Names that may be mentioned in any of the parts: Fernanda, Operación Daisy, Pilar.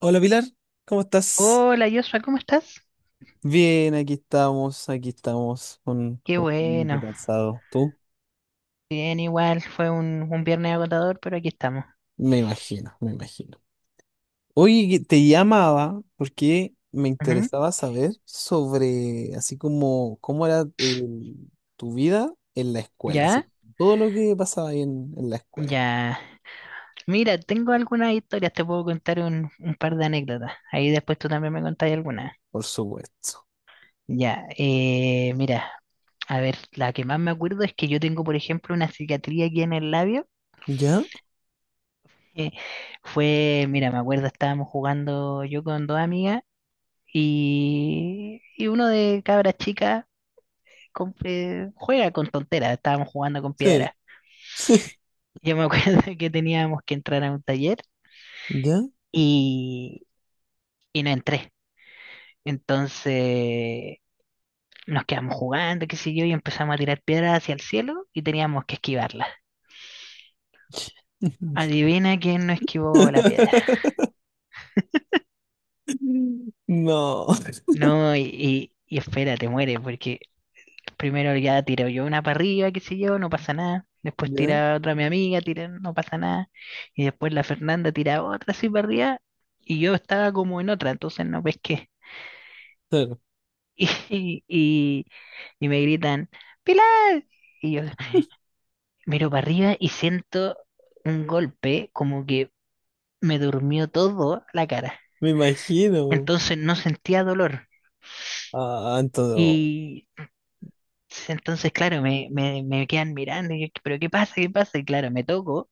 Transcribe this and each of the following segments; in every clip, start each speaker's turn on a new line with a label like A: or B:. A: Hola Pilar, ¿cómo estás?
B: Hola Joshua, ¿cómo estás?
A: Bien, aquí estamos, con,
B: Qué
A: con un poquito
B: bueno.
A: cansado. ¿Tú?
B: Bien, igual fue un viernes agotador, pero aquí estamos.
A: Me imagino, me imagino. Oye, que te llamaba porque me
B: Ujú.
A: interesaba saber sobre, así como, cómo era tu vida en la escuela, así,
B: ¿Ya?
A: todo lo que pasaba ahí en la escuela,
B: Ya. Mira, tengo algunas historias, te puedo contar un par de anécdotas. Ahí después tú también me contás algunas.
A: por supuesto.
B: Ya, mira, a ver, la que más me acuerdo es que yo tengo, por ejemplo, una cicatriz aquí en el labio.
A: ¿Ya?
B: Eh, Fue, mira, me acuerdo, estábamos jugando yo con dos amigas y uno de cabras chicas juega con tonteras, estábamos jugando con
A: Sí.
B: piedras. Yo me acuerdo que teníamos que entrar a un taller
A: ¿Ya?
B: y, y no entré. Entonces nos quedamos jugando, qué sé yo, y empezamos a tirar piedras hacia el cielo y teníamos que esquivarlas. Adivina quién no esquivó la piedra.
A: No.
B: No, y espera, te mueres, porque primero ya tiro yo una para arriba, qué sé yo, no pasa nada. Después
A: ¿Ya?
B: tira otra mi amiga, tira, no pasa nada. Y después la Fernanda tira otra así para arriba. Y yo estaba como en otra, entonces no pesqué.
A: Claro,
B: Y, y, y me gritan, ¡Pilar! Y yo miro para arriba y siento un golpe como que me durmió todo la cara.
A: me imagino.
B: Entonces no sentía dolor.
A: Ah, entonces.
B: Y entonces, claro, me quedan mirando y yo, ¿pero qué pasa? ¿Qué pasa? Y claro, me toco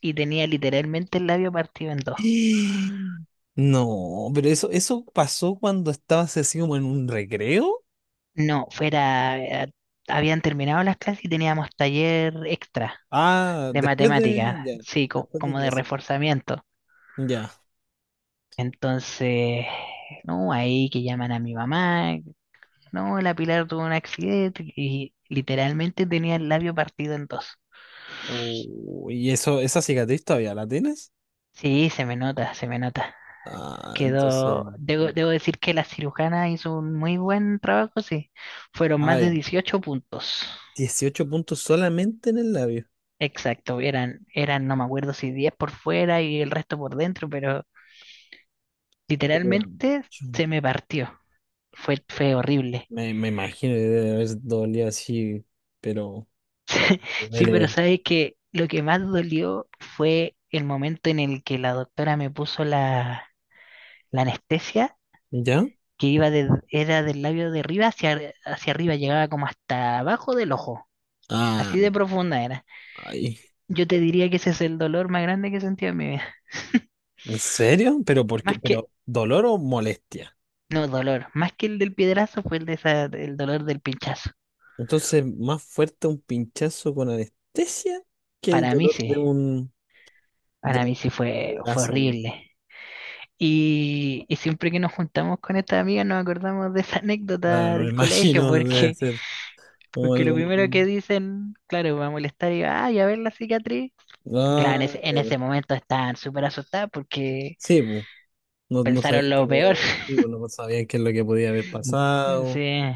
B: y tenía literalmente el labio partido en dos.
A: No, pero eso pasó cuando estabas así como en un recreo.
B: No, fuera, habían terminado las clases y teníamos taller extra
A: Ah,
B: de matemática,
A: ya,
B: sí,
A: después de
B: como de
A: clase.
B: reforzamiento.
A: Ya.
B: Entonces, no, ahí que llaman a mi mamá, no, la Pilar tuvo un accidente y literalmente tenía el labio partido en dos.
A: Oh, ¿y eso, esa cicatriz todavía la tienes?
B: Sí, se me nota, se me nota.
A: Ah, entonces.
B: Quedó, debo,
A: Oh.
B: debo decir que la cirujana hizo un muy buen trabajo, sí. Fueron
A: Ah,
B: más
A: ya.
B: de 18 puntos.
A: 18 puntos solamente en el labio.
B: Exacto, eran, no me acuerdo si 10 por fuera y el resto por dentro, pero
A: Pero era
B: literalmente
A: mucho.
B: se me partió. Fue horrible.
A: Me imagino que debe haber dolido así, pero
B: Sí, pero
A: duele.
B: sabes que lo que más dolió fue el momento en el que la doctora me puso la anestesia,
A: ¿Ya?
B: que iba de, era del labio de arriba hacia, hacia arriba, llegaba como hasta abajo del ojo.
A: Ah,
B: Así de profunda era.
A: ay.
B: Yo te diría que ese es el dolor más grande que he sentido en mi vida.
A: ¿En serio? ¿Pero por qué?
B: Más que,
A: ¿Pero dolor o molestia?
B: no, dolor. Más que el del piedrazo fue el de esa, el dolor del pinchazo.
A: Entonces, más fuerte un pinchazo con anestesia que el
B: Para mí
A: dolor de
B: sí.
A: un, de
B: Para mí
A: un
B: sí fue
A: piedrazo.
B: horrible. Y siempre que nos juntamos con estas amigas nos acordamos de esa
A: Claro,
B: anécdota
A: me
B: del colegio,
A: imagino, debe
B: porque,
A: ser como
B: porque lo
A: algo.
B: primero que dicen, claro, va a molestar y ay, a ver la cicatriz. Claro, en
A: Ah,
B: ese, en
A: claro.
B: ese momento estaban súper asustadas porque
A: Sí, pues, no, no
B: pensaron
A: sabían qué
B: lo
A: podía
B: peor.
A: haber, sí, pues, no sabían qué es lo que podía haber pasado.
B: Sí,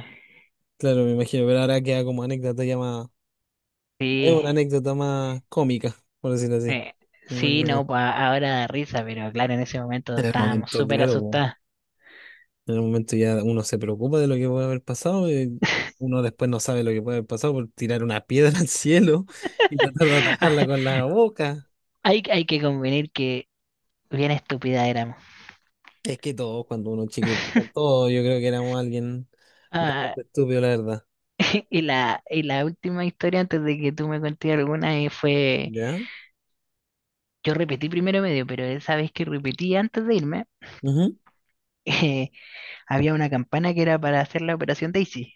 A: Claro, me imagino, pero ahora queda como anécdota ya más. Es
B: sí,
A: una anécdota más cómica, por decirlo así. Muy
B: sí, no,
A: como-
B: ahora da risa, pero claro, en ese momento
A: En el
B: estábamos
A: momento,
B: súper
A: claro, pues.
B: asustadas.
A: En el momento ya uno se preocupa de lo que puede haber pasado, y uno después no sabe lo que puede haber pasado por tirar una piedra al cielo y tratar de atajarla con la boca.
B: Hay que convenir que bien estúpida éramos.
A: Es que todos, cuando uno es chico, todos, yo creo que éramos alguien
B: Ah,
A: bastante estúpido, la verdad.
B: y la última historia antes de que tú me contes alguna, fue,
A: ¿Ya?
B: yo repetí primero medio, pero esa vez que repetí antes de irme,
A: Ujú.
B: eh, había una campana que era para hacer la operación Daisy,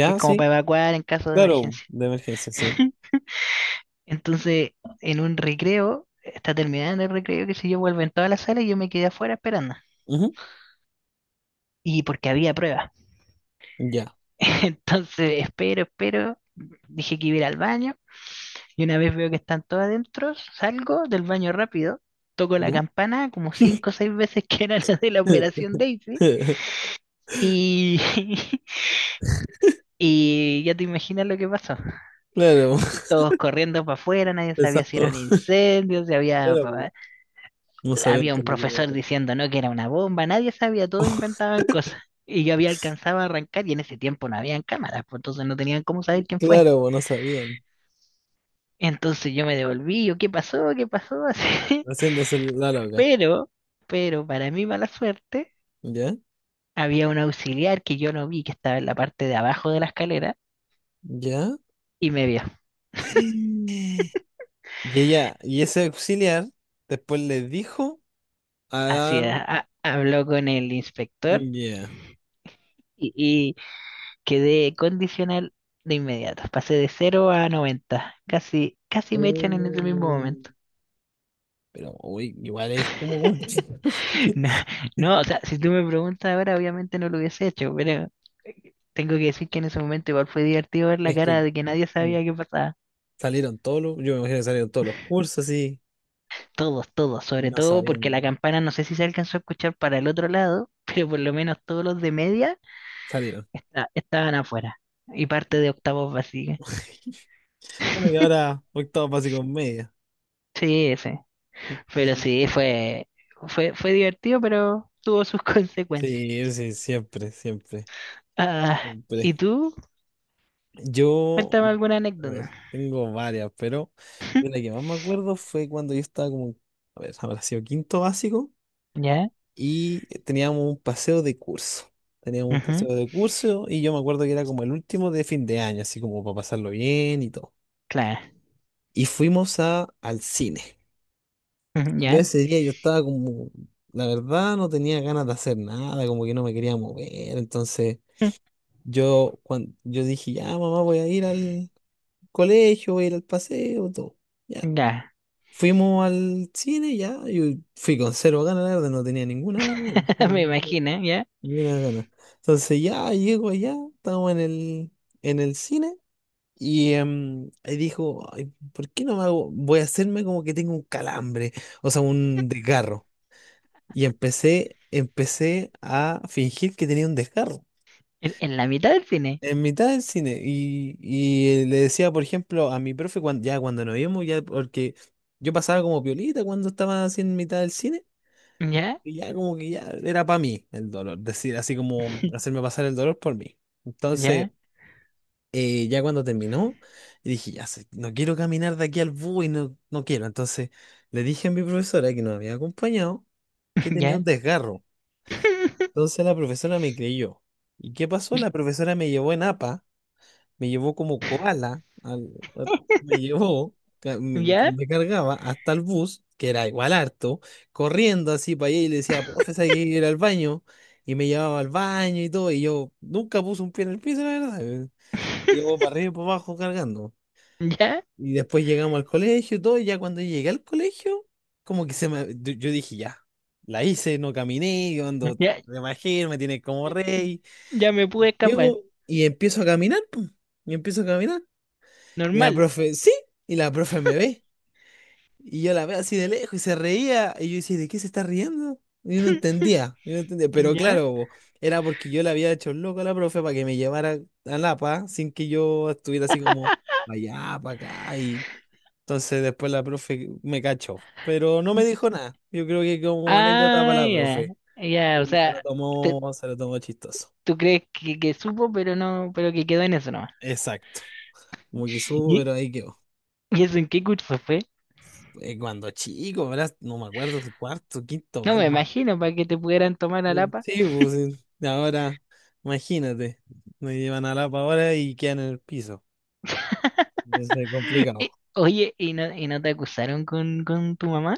B: que es como
A: sí.
B: para evacuar en caso de
A: Claro,
B: emergencia.
A: de emergencia, sí.
B: Entonces, en un recreo, está terminando el recreo, que si yo, vuelvo en toda la sala y yo me quedé afuera esperando.
A: Ujú.
B: Y porque había pruebas.
A: Ya.
B: Entonces, espero, espero. Dije que iba a ir al baño. Y una vez veo que están todos adentro, salgo del baño rápido, toco la
A: ¿Ya?
B: campana como cinco o seis veces que era la de la operación Daisy. Y, y ya te imaginas lo que pasó.
A: Claro,
B: Todos corriendo para afuera, nadie sabía si era
A: pensando,
B: un incendio, si había,
A: claro, no sabían
B: había
A: qué
B: un
A: es lo que iba a
B: profesor
A: hacer.
B: diciendo no que era una bomba, nadie sabía, todos inventaban cosas. Y yo había alcanzado a arrancar y en ese tiempo no habían cámaras, pues entonces no tenían cómo saber quién fue.
A: Claro, pues, no sabían.
B: Entonces yo me devolví, yo, ¿qué pasó? ¿Qué pasó? Así.
A: Haciéndose la loca.
B: Pero, pero para mi mala suerte,
A: ¿Ya?
B: había un auxiliar que yo no vi, que estaba en la parte de abajo de la escalera,
A: ¿Ya?
B: y me vio.
A: Y ella, y ese auxiliar después le dijo a.
B: Así, habló con el inspector
A: Ya.
B: y quedé condicional de inmediato. Pasé de 0 a 90. Casi, casi me echan en ese mismo
A: Mm.
B: momento.
A: Pero uy, igual es como complicado. que-
B: No, no, o sea, si tú me preguntas ahora, obviamente no lo hubiese hecho, pero tengo que decir que en ese momento igual fue divertido ver la
A: Es que
B: cara de que nadie
A: mm,
B: sabía qué pasaba.
A: salieron yo me imagino que salieron todos los cursos así
B: Todos, todos,
A: y
B: sobre
A: no
B: todo porque la
A: sabían,
B: campana no sé si se alcanzó a escuchar para el otro lado, pero por lo menos todos los de media
A: salieron.
B: estaban afuera y parte de octavos vacía.
A: Bueno, y ahora octavo básico en media.
B: Sí, sí, pero
A: Sí,
B: sí, fue, fue divertido, pero tuvo sus consecuencias.
A: sí, sí, siempre, siempre,
B: Ah,
A: siempre.
B: ¿y tú?
A: Yo,
B: Cuéntame alguna
A: a
B: anécdota.
A: ver, tengo varias, pero de la que más me acuerdo fue cuando yo estaba como, a ver, habrá sido quinto básico.
B: ¿Ya?
A: Y teníamos un paseo de curso. Teníamos un
B: Ujú,
A: paseo de curso y yo me acuerdo que era como el último de fin de año, así como para pasarlo bien y todo.
B: claro.
A: Y fuimos al cine.
B: Ujú,
A: Y yo
B: ¿ya?
A: ese día yo estaba como, la verdad no tenía ganas de hacer nada, como que no me quería mover. Entonces yo dije, ya mamá voy a ir al colegio, voy a ir al paseo, todo. Ya.
B: Ya.
A: Fuimos al cine, ya, yo fui con cero ganas, la verdad, no tenía ninguna gana.
B: Me imagino, ¿ya?
A: Ni una gana. Entonces ya llego allá, estamos en el cine y dijo, "Ay, ¿por qué no me hago? Voy a hacerme como que tengo un calambre, o sea, un desgarro". Y empecé a fingir que tenía un desgarro.
B: En la mitad del cine.
A: En mitad del cine. Y le decía, por ejemplo, a mi profe, ya cuando nos vimos, ya porque yo pasaba como piolita cuando estaba así en mitad del cine,
B: ¿Ya?
A: y ya como que ya era para mí el dolor, decir, así como hacerme pasar el dolor por mí. Entonces,
B: ¿Ya?
A: ya cuando terminó, y dije, ya sé, no quiero caminar de aquí al bus y no, no quiero. Entonces le dije a mi profesora que nos había acompañado que tenía
B: ¿Ya?
A: un desgarro. Entonces la profesora me creyó. ¿Y qué pasó? La profesora me llevó en APA, me llevó como koala, me llevó, ca- me,
B: ¿Ya?
A: me cargaba hasta el bus, que era igual harto, corriendo así para allá y le decía, profesora, hay que ir al baño. Y me llevaba al baño y todo, y yo nunca puse un pie en el piso, la verdad. Me llevó para arriba y para abajo cargando.
B: ¿Ya?
A: Y después llegamos al colegio y todo, y ya cuando llegué al colegio, como que se me. Yo dije, ya, la hice, no caminé, yo ando
B: Ya,
A: de magia, me tiene como rey.
B: ya me pude escapar.
A: Llego y empiezo a caminar, pum, y empiezo a caminar. Y la
B: Normal.
A: profe, sí, y la profe me ve. Y yo la veo así de lejos y se reía. Y yo decía, ¿de qué se está riendo? Y yo no entendía, yo no entendía. Pero
B: ¿Ya?
A: claro, po, era porque yo le había hecho el loco a la profe para que me llevara a Lapa sin que yo estuviera así como para allá, para acá. Y entonces después la profe me cachó. Pero no me dijo nada. Yo creo que como anécdota
B: Ah,
A: para la
B: ya.
A: profe.
B: Ya, o
A: Se
B: sea, te-
A: se lo tomó chistoso.
B: tú crees que, supo, pero no, pero que quedó en eso nomás.
A: Exacto. Como que subo,
B: ¿Y,
A: pero ahí quedó.
B: y eso en qué curso fue?
A: Cuando chico, ¿verdad? No me acuerdo, cuarto, quinto,
B: No
A: ¿verdad?
B: me imagino para que te pudieran tomar a Lapa.
A: Sí, pues sí. Ahora, imagínate, me llevan a la ahora y quedan en el piso. Entonces, complicado.
B: Oye, ¿y no te acusaron con tu mamá?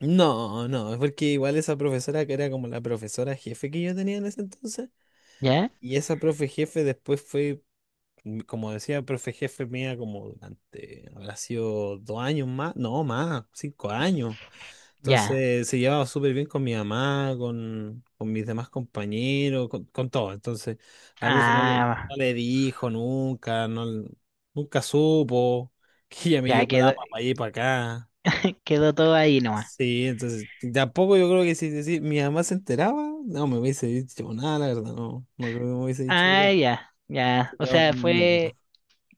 A: No, no, es porque igual esa profesora que era como la profesora jefe que yo tenía en ese entonces,
B: ¿Ya?
A: y esa profe jefe después fue como decía el profe jefe mía, como durante, habrá sido 2 años más, no más, 5 años.
B: Ya.
A: Entonces se llevaba súper bien con mi mamá, con mis demás compañeros, con todo. Entonces la profe no le,
B: Ah,
A: no le dijo nunca, no, nunca supo que ella me
B: ya
A: llevó la
B: quedó,
A: para allí para acá.
B: quedó todo ahí nomás.
A: Sí, entonces tampoco yo creo que si decir mi mamá se enteraba, no me hubiese dicho nada, la verdad, no, no creo que me hubiese dicho
B: Ah,
A: algo.
B: ya, ya.
A: Se
B: O
A: quedaba
B: sea,
A: como anécdota.
B: fue,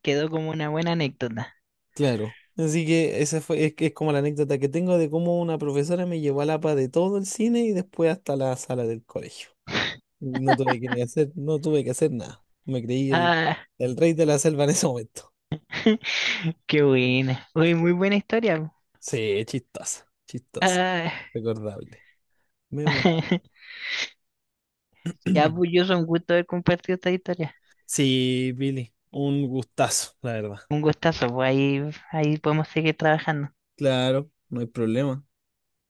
B: quedó como una buena anécdota.
A: Claro. Así que esa fue, es, que es como la anécdota que tengo de cómo una profesora me llevó a la pa de todo el cine y después hasta la sala del colegio. No tuve que ni hacer, no tuve que hacer nada. Me creí el,
B: Ah,
A: el rey de la selva en ese momento.
B: qué buena. Oye, muy buena historia.
A: Sí, chistosa, chistosa.
B: Ah,
A: Recordable. Memorable.
B: ya, pues yo un gusto haber compartido esta historia.
A: Sí, Billy, un gustazo, la verdad.
B: Un gustazo, pues ahí podemos seguir trabajando.
A: Claro, no hay problema,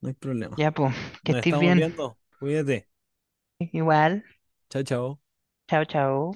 A: no hay problema.
B: Ya, pues, que
A: Nos
B: estés
A: estamos
B: bien.
A: viendo. Cuídate.
B: Igual,
A: Chao, chao.
B: chao, chao.